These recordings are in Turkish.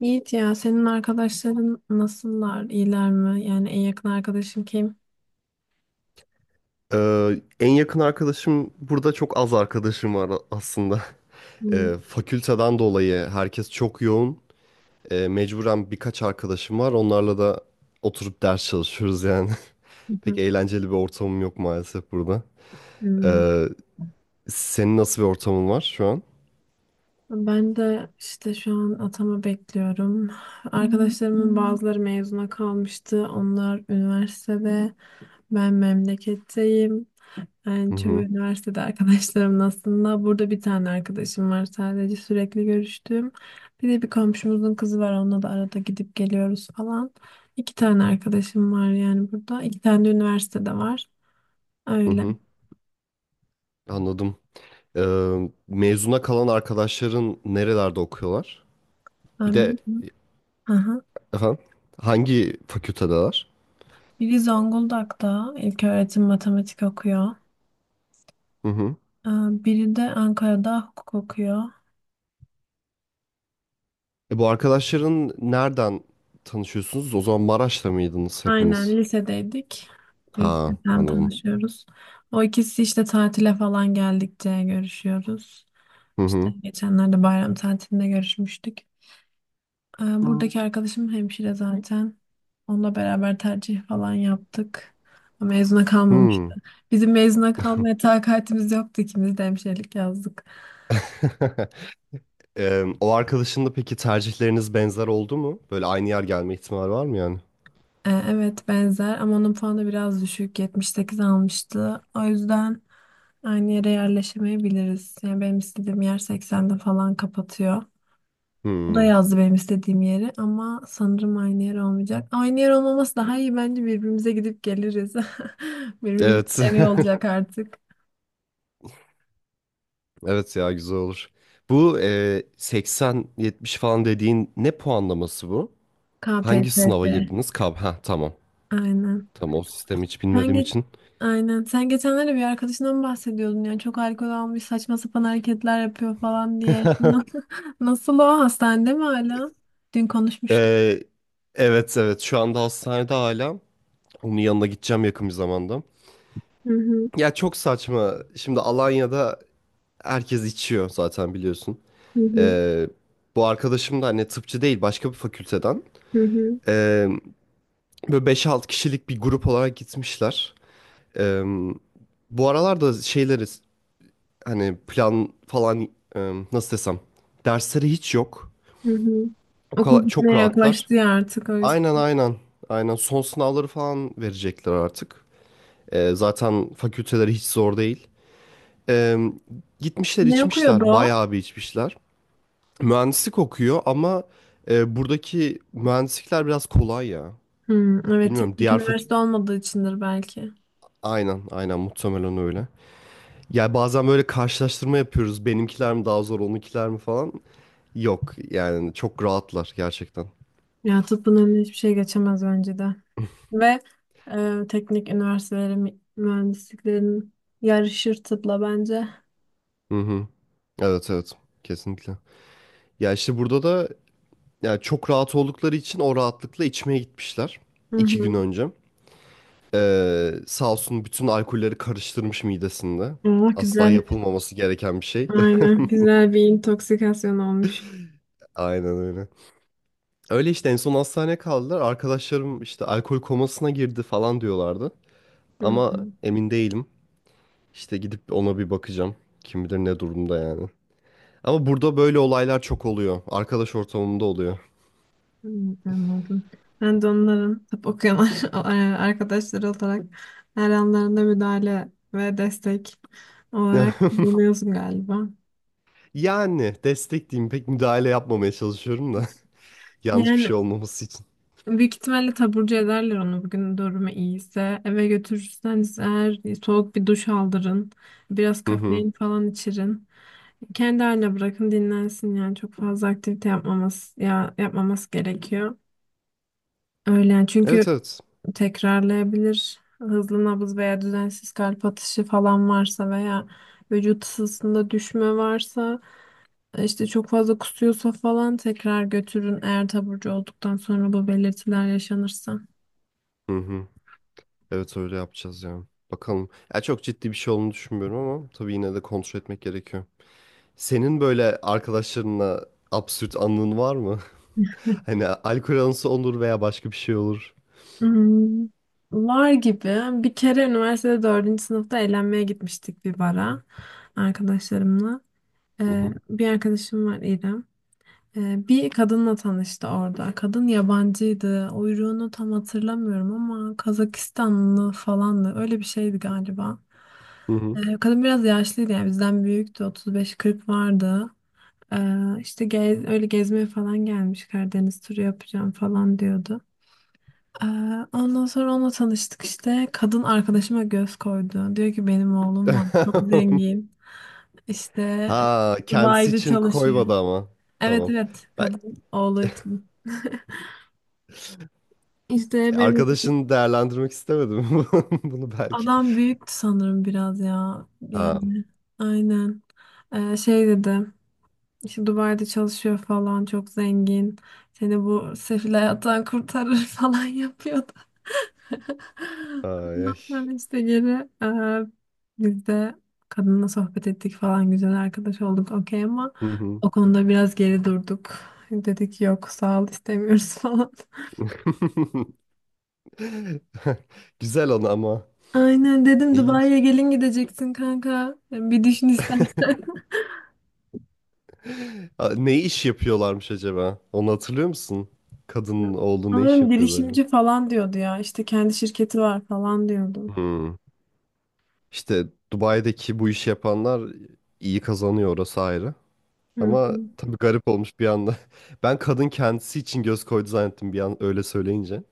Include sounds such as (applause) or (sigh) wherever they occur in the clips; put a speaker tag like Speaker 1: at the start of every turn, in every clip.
Speaker 1: Yiğit ya senin arkadaşların nasıllar? İyiler mi? Yani en yakın arkadaşın kim?
Speaker 2: En yakın arkadaşım burada çok az arkadaşım var aslında. (laughs)
Speaker 1: Hmm,
Speaker 2: Fakülteden dolayı herkes çok yoğun. Mecburen birkaç arkadaşım var. Onlarla da oturup ders çalışıyoruz yani.
Speaker 1: hı
Speaker 2: (laughs) Pek
Speaker 1: hı,
Speaker 2: eğlenceli bir ortamım yok maalesef burada.
Speaker 1: hmm.
Speaker 2: Ee, Senin nasıl bir ortamın var şu an?
Speaker 1: Ben de işte şu an atama bekliyorum. Arkadaşlarımın bazıları mezuna kalmıştı. Onlar üniversitede. Ben memleketteyim.
Speaker 2: Hı
Speaker 1: Yani çoğu
Speaker 2: hı,
Speaker 1: üniversitede arkadaşlarımın aslında burada bir tane arkadaşım var sadece sürekli görüştüğüm. Bir de bir komşumuzun kızı var onunla da arada gidip geliyoruz falan. İki tane arkadaşım var yani burada. İki tane de üniversitede var.
Speaker 2: hı
Speaker 1: Öyle.
Speaker 2: hı, anladım. Mezuna kalan arkadaşların nerelerde okuyorlar? Bir
Speaker 1: Ben
Speaker 2: de
Speaker 1: biri, aha.
Speaker 2: efendim, hangi fakültedeler?
Speaker 1: Biri Zonguldak'ta ilköğretim matematik okuyor. Ee, Biri de Ankara'da hukuk okuyor.
Speaker 2: Bu arkadaşların nereden tanışıyorsunuz? O zaman Maraş'ta mıydınız
Speaker 1: Aynen
Speaker 2: hepiniz?
Speaker 1: lisedeydik.
Speaker 2: Ha,
Speaker 1: Liseden
Speaker 2: anladım.
Speaker 1: tanışıyoruz. O ikisi işte tatile falan geldikçe görüşüyoruz.
Speaker 2: Hı
Speaker 1: İşte
Speaker 2: hı.
Speaker 1: geçenlerde bayram tatilinde görüşmüştük. Buradaki arkadaşım hemşire zaten. Onunla beraber tercih falan yaptık. Mezuna kalmamıştı.
Speaker 2: Hmm.
Speaker 1: Bizim mezuna kalmaya takatimiz yoktu. İkimiz de hemşirelik yazdık.
Speaker 2: (laughs) O arkadaşın da peki tercihleriniz benzer oldu mu? Böyle aynı yer gelme ihtimali var mı yani?
Speaker 1: Evet benzer ama onun puanı biraz düşük 78 almıştı. O yüzden aynı yere yerleşemeyebiliriz. Yani benim istediğim yer 80'de falan kapatıyor. O da
Speaker 2: Hmm.
Speaker 1: yazdı benim istediğim yeri ama sanırım aynı yer olmayacak. Aynı yer olmaması daha iyi bence birbirimize gidip geliriz. (laughs) Birbirimiz
Speaker 2: Evet.
Speaker 1: evi olacak
Speaker 2: (laughs)
Speaker 1: artık.
Speaker 2: Evet ya, güzel olur. Bu 80-70 falan dediğin ne puanlaması bu? Hangi sınava
Speaker 1: KPSS.
Speaker 2: girdiniz? Ha, tamam.
Speaker 1: Aynen.
Speaker 2: Tamam, o sistemi hiç
Speaker 1: Sen
Speaker 2: bilmediğim
Speaker 1: ge-
Speaker 2: için.
Speaker 1: Aynen. Sen geçenlerde bir arkadaşından bahsediyordun ya. Çok alkol almış, saçma sapan hareketler yapıyor falan diye. (laughs) Nasıl o hastanede mi hala? Dün konuşmuştuk.
Speaker 2: E, evet evet, şu anda hastanede hala. Onun yanına gideceğim yakın bir zamanda.
Speaker 1: Hı hı,
Speaker 2: Ya çok saçma. Şimdi Alanya'da herkes içiyor zaten, biliyorsun.
Speaker 1: hı hı,
Speaker 2: Ee, Bu arkadaşım da hani tıpçı değil, başka bir fakülteden.
Speaker 1: hı hı.
Speaker 2: Ee, Böyle beş 6 kişilik bir grup olarak gitmişler. Ee, Bu aralarda şeyleri, hani plan falan, e, nasıl desem, dersleri hiç yok.
Speaker 1: Hı hı.
Speaker 2: O
Speaker 1: Okul
Speaker 2: kadar çok
Speaker 1: bitmeye
Speaker 2: rahatlar.
Speaker 1: yaklaştı ya artık o
Speaker 2: Aynen
Speaker 1: yüzden.
Speaker 2: aynen. Aynen, son sınavları falan verecekler artık. Zaten fakülteleri hiç zor değil. Ee, Gitmişler
Speaker 1: Ne okuyordu
Speaker 2: içmişler,
Speaker 1: o?
Speaker 2: bayağı bir içmişler. Mühendislik okuyor ama buradaki mühendislikler biraz kolay ya.
Speaker 1: Hı, evet
Speaker 2: Bilmiyorum,
Speaker 1: teknik
Speaker 2: diğer fakü...
Speaker 1: üniversite olmadığı içindir belki.
Speaker 2: Aynen, aynen, muhtemelen öyle. Ya bazen böyle karşılaştırma yapıyoruz. Benimkiler mi daha zor, onunkiler mi falan. Yok yani, çok rahatlar gerçekten.
Speaker 1: Ya tıbbın önüne hiçbir şey geçemez bence de. Ve teknik üniversitelerin mühendisliklerin yarışır tıpla bence.
Speaker 2: Hı hı. Evet evet, kesinlikle. Ya işte burada da, ya çok rahat oldukları için o rahatlıkla içmeye gitmişler.
Speaker 1: Hı
Speaker 2: iki gün
Speaker 1: hı.
Speaker 2: önce. Sağ olsun, bütün alkolleri karıştırmış midesinde.
Speaker 1: Aa,
Speaker 2: Asla
Speaker 1: güzel.
Speaker 2: yapılmaması gereken bir şey.
Speaker 1: Aynen. Güzel bir intoksikasyon olmuş.
Speaker 2: (laughs) Aynen öyle. Öyle işte, en son hastaneye kaldılar. Arkadaşlarım işte alkol komasına girdi falan diyorlardı.
Speaker 1: Hı
Speaker 2: Ama
Speaker 1: hı.
Speaker 2: emin değilim. İşte gidip ona bir bakacağım. Kim bilir ne durumda yani. Ama burada böyle olaylar çok oluyor. Arkadaş ortamında oluyor.
Speaker 1: Hı, anladım. Ben de onların tıp okuyan (laughs) arkadaşları olarak her anlarında müdahale ve destek olarak
Speaker 2: (laughs)
Speaker 1: bulunuyorsun galiba.
Speaker 2: Yani destek, pek müdahale yapmamaya çalışıyorum da. (laughs) Yanlış bir
Speaker 1: Yani
Speaker 2: şey olmaması için.
Speaker 1: büyük ihtimalle taburcu ederler onu bugün durumu iyiyse. Eve götürürseniz eğer soğuk bir duş aldırın. Biraz
Speaker 2: Hı hı.
Speaker 1: kafein falan içirin. Kendi haline bırakın dinlensin yani çok fazla aktivite yapmaması ya yapmaması gerekiyor. Öyle yani çünkü
Speaker 2: Evet evet.
Speaker 1: tekrarlayabilir. Hızlı nabız veya düzensiz kalp atışı falan varsa veya vücut ısısında düşme varsa işte çok fazla kusuyorsa falan tekrar götürün eğer taburcu olduktan sonra bu belirtiler yaşanırsa.
Speaker 2: Hı hı. Evet, öyle yapacağız ya. Bakalım. Ya çok ciddi bir şey olduğunu düşünmüyorum ama tabii yine de kontrol etmek gerekiyor. Senin böyle arkadaşlarınla absürt anın var mı? (laughs) Hani alkol anısı olur veya başka bir şey olur.
Speaker 1: Hmm, var gibi. Bir kere üniversitede dördüncü sınıfta eğlenmeye gitmiştik bir bara arkadaşlarımla.
Speaker 2: Hı hı.
Speaker 1: Bir arkadaşım var İrem. Bir kadınla tanıştı orada. Kadın yabancıydı. Uyruğunu tam hatırlamıyorum ama Kazakistanlı falandı. Öyle bir şeydi galiba.
Speaker 2: Hı hı.
Speaker 1: Kadın biraz yaşlıydı yani bizden büyüktü. 35-40 vardı. İşte gez- öyle gezmeye falan gelmiş. Karadeniz turu yapacağım falan diyordu. Ee, Ondan sonra onunla tanıştık işte. Kadın arkadaşıma göz koydu. Diyor ki benim oğlum var. Çok
Speaker 2: (laughs)
Speaker 1: zengin. İşte
Speaker 2: Ha, kendisi
Speaker 1: Dubai'de
Speaker 2: için
Speaker 1: çalışıyor.
Speaker 2: koymadı ama.
Speaker 1: Evet
Speaker 2: Tamam.
Speaker 1: evet
Speaker 2: Ben
Speaker 1: kadın oğlu için. İşte benim
Speaker 2: arkadaşını değerlendirmek istemedim (laughs) bunu belki.
Speaker 1: adam büyüktü sanırım biraz ya.
Speaker 2: Ha.
Speaker 1: Yani aynen. Şey dedi. İşte Dubai'de çalışıyor falan çok zengin. Seni bu sefil hayattan kurtarır (laughs) falan yapıyordu.
Speaker 2: Ay,
Speaker 1: Ondan
Speaker 2: ay.
Speaker 1: sonra işte geri e, biz de kadınla sohbet ettik falan güzel arkadaş olduk okey ama
Speaker 2: Hı hı.
Speaker 1: o konuda biraz geri durduk. Dedik yok sağ ol istemiyoruz (laughs) falan.
Speaker 2: (laughs) Güzel onu ama.
Speaker 1: Aynen dedim
Speaker 2: İlginç.
Speaker 1: Dubai'ye gelin gideceksin kanka. Bir düşün istersen.
Speaker 2: Aa, ne iş yapıyorlarmış acaba? Onu hatırlıyor musun? Kadının
Speaker 1: (laughs)
Speaker 2: oğlu ne iş
Speaker 1: Sanırım
Speaker 2: yapıyordu acaba?
Speaker 1: girişimci falan diyordu ya. İşte kendi şirketi var falan diyordu.
Speaker 2: Hmm. İşte Dubai'deki bu işi yapanlar iyi kazanıyor, orası ayrı.
Speaker 1: Hı
Speaker 2: Ama
Speaker 1: hı.
Speaker 2: tabii garip olmuş bir anda. (laughs) Ben kadın kendisi için göz koydu zannettim bir an, öyle söyleyince.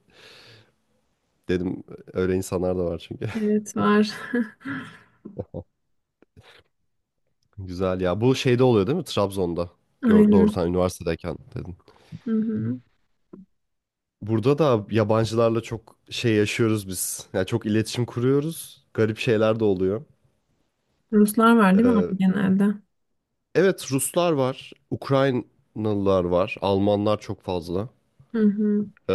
Speaker 2: Dedim öyle insanlar da var çünkü.
Speaker 1: Evet var. (laughs)
Speaker 2: (laughs) Güzel ya. Bu şeyde oluyor değil mi? Trabzon'da. Gör, doğru,
Speaker 1: Aynen.
Speaker 2: sen üniversitedeyken dedin.
Speaker 1: Hı hı.
Speaker 2: Burada da yabancılarla çok şey yaşıyoruz biz. Yani çok iletişim kuruyoruz. Garip şeyler de oluyor.
Speaker 1: Ruslar var değil mi
Speaker 2: Ee,
Speaker 1: abi genelde?
Speaker 2: Evet, Ruslar var, Ukraynalılar var, Almanlar çok fazla.
Speaker 1: Hı hı.
Speaker 2: Ee,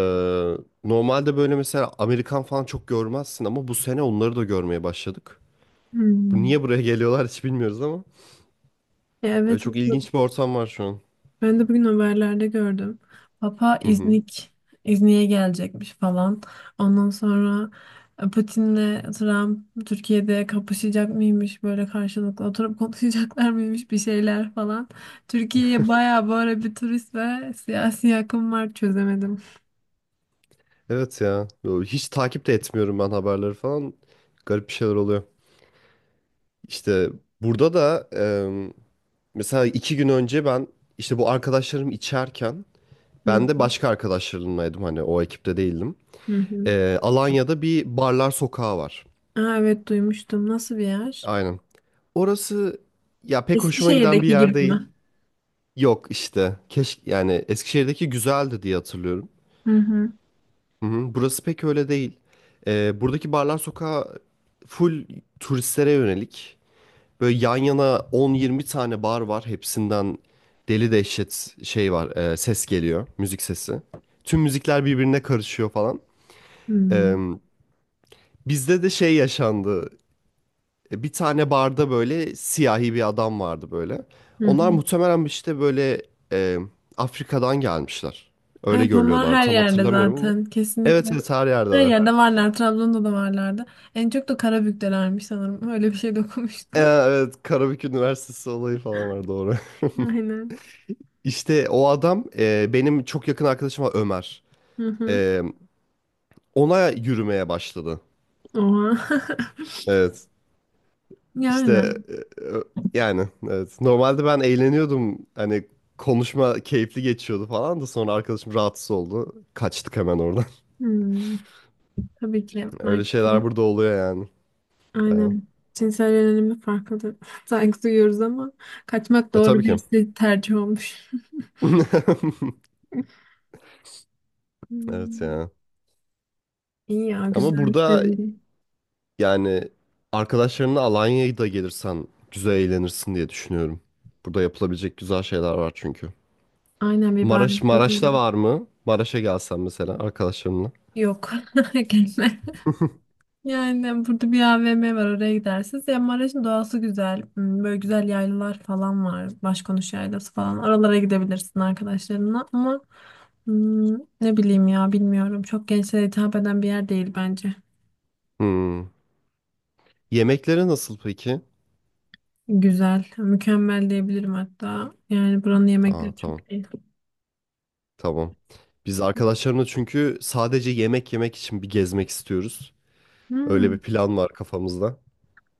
Speaker 2: Normalde böyle mesela Amerikan falan çok görmezsin ama bu sene onları da görmeye başladık.
Speaker 1: Hı.
Speaker 2: Bu niye buraya geliyorlar hiç bilmiyoruz ama
Speaker 1: Ya, evet.
Speaker 2: çok ilginç bir ortam var şu an.
Speaker 1: Ben de bugün haberlerde gördüm. Papa
Speaker 2: Hı hı.
Speaker 1: İznik'e gelecekmiş falan. Ondan sonra Putin'le Trump Türkiye'de kapışacak mıymış böyle karşılıklı oturup (laughs) konuşacaklar mıymış bir şeyler falan. Türkiye'ye bayağı böyle bir turist ve siyasi akım var çözemedim.
Speaker 2: Evet ya. Yo, hiç takip de etmiyorum ben haberleri falan. Garip bir şeyler oluyor. İşte burada da mesela 2 gün önce ben, işte bu arkadaşlarım içerken,
Speaker 1: Hı
Speaker 2: ben de
Speaker 1: hı,
Speaker 2: başka arkadaşlarımlaydım, hani o ekipte değildim.
Speaker 1: hı hı.
Speaker 2: Alanya'da bir barlar sokağı var.
Speaker 1: Aa, evet duymuştum. Nasıl bir yer?
Speaker 2: Aynen. Orası ya pek hoşuma giden bir
Speaker 1: Eskişehir'deki
Speaker 2: yer
Speaker 1: gibi
Speaker 2: değil.
Speaker 1: mi?
Speaker 2: Yok işte. Keşke yani, Eskişehir'deki güzeldi diye hatırlıyorum.
Speaker 1: Hı hı.
Speaker 2: Hı hı. Burası pek öyle değil. Buradaki barlar sokağı full turistlere yönelik. Böyle yan yana 10-20 tane bar var. Hepsinden deli dehşet şey var. Ses geliyor. Müzik sesi. Tüm müzikler birbirine karışıyor falan.
Speaker 1: Hı hı.
Speaker 2: Ee, Bizde de şey yaşandı. Bir tane barda böyle siyahi bir adam vardı böyle.
Speaker 1: Hı.
Speaker 2: Onlar
Speaker 1: Hı.
Speaker 2: muhtemelen işte böyle e, Afrika'dan gelmişler. Öyle
Speaker 1: Evet onlar
Speaker 2: görülüyorlar.
Speaker 1: her
Speaker 2: Tam
Speaker 1: yerde
Speaker 2: hatırlamıyorum ama.
Speaker 1: zaten kesinlikle.
Speaker 2: Evet evet, her
Speaker 1: Her
Speaker 2: yerdeler.
Speaker 1: yerde varlar. Trabzon'da da varlardı. En çok da Karabük'telermiş sanırım. Öyle bir şey de okumuştum.
Speaker 2: Evet, Karabük Üniversitesi olayı falan var, doğru. (laughs)
Speaker 1: (laughs) Aynen.
Speaker 2: İşte o adam, benim çok yakın arkadaşım var, Ömer.
Speaker 1: Hı hı.
Speaker 2: E, Ona yürümeye başladı.
Speaker 1: Oha. (laughs)
Speaker 2: Evet.
Speaker 1: Yani.
Speaker 2: İşte e, yani evet. Normalde ben eğleniyordum. Hani konuşma keyifli geçiyordu falan da sonra arkadaşım rahatsız oldu. Kaçtık hemen oradan.
Speaker 1: Hmm. Tabii ki
Speaker 2: (laughs) Öyle şeyler
Speaker 1: marketin.
Speaker 2: burada oluyor yani. Bayağı.
Speaker 1: Aynen. Cinsel yönelimi farklıdır. (laughs) Saygı duyuyoruz ama kaçmak
Speaker 2: Ya
Speaker 1: doğru
Speaker 2: tabii
Speaker 1: bir
Speaker 2: ki.
Speaker 1: tercih olmuş.
Speaker 2: (laughs)
Speaker 1: (laughs)
Speaker 2: Evet
Speaker 1: Hmm.
Speaker 2: ya.
Speaker 1: İyi ya
Speaker 2: Ama
Speaker 1: güzel
Speaker 2: burada
Speaker 1: sevindim.
Speaker 2: yani, arkadaşlarınla Alanya'ya da gelirsen güzel eğlenirsin diye düşünüyorum. Burada yapılabilecek güzel şeyler var çünkü.
Speaker 1: Aynen bir bar.
Speaker 2: Maraş'ta var mı? Maraş'a gelsen mesela arkadaşlarınla.
Speaker 1: Yok. (laughs) Gelme. Yani burada bir AVM var oraya gidersiniz. Ya Maraş'ın doğası güzel. Hmm, böyle güzel yaylalar falan var. Başkonuş yaylası falan. Oralara gidebilirsin arkadaşlarınla. Ama hmm, ne bileyim ya bilmiyorum. Çok gençlere hitap eden bir yer değil bence.
Speaker 2: Hmm. Yemekleri nasıl peki?
Speaker 1: Güzel. Mükemmel diyebilirim hatta. Yani buranın
Speaker 2: Aa,
Speaker 1: yemekleri
Speaker 2: tamam.
Speaker 1: çok iyi.
Speaker 2: Tamam. Biz arkadaşlarımla çünkü sadece yemek yemek için bir gezmek istiyoruz. Öyle
Speaker 1: Hmm.
Speaker 2: bir plan var kafamızda.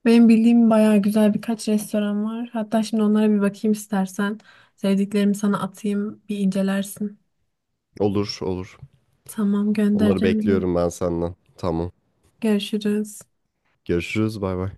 Speaker 1: Benim bildiğim bayağı güzel birkaç restoran var. Hatta şimdi onlara bir bakayım istersen. Sevdiklerimi sana atayım. Bir incelersin.
Speaker 2: Olur, olur.
Speaker 1: Tamam
Speaker 2: Onları
Speaker 1: göndereceğim.
Speaker 2: bekliyorum ben senden. Tamam.
Speaker 1: Görüşürüz.
Speaker 2: Görüşürüz. Bay bay.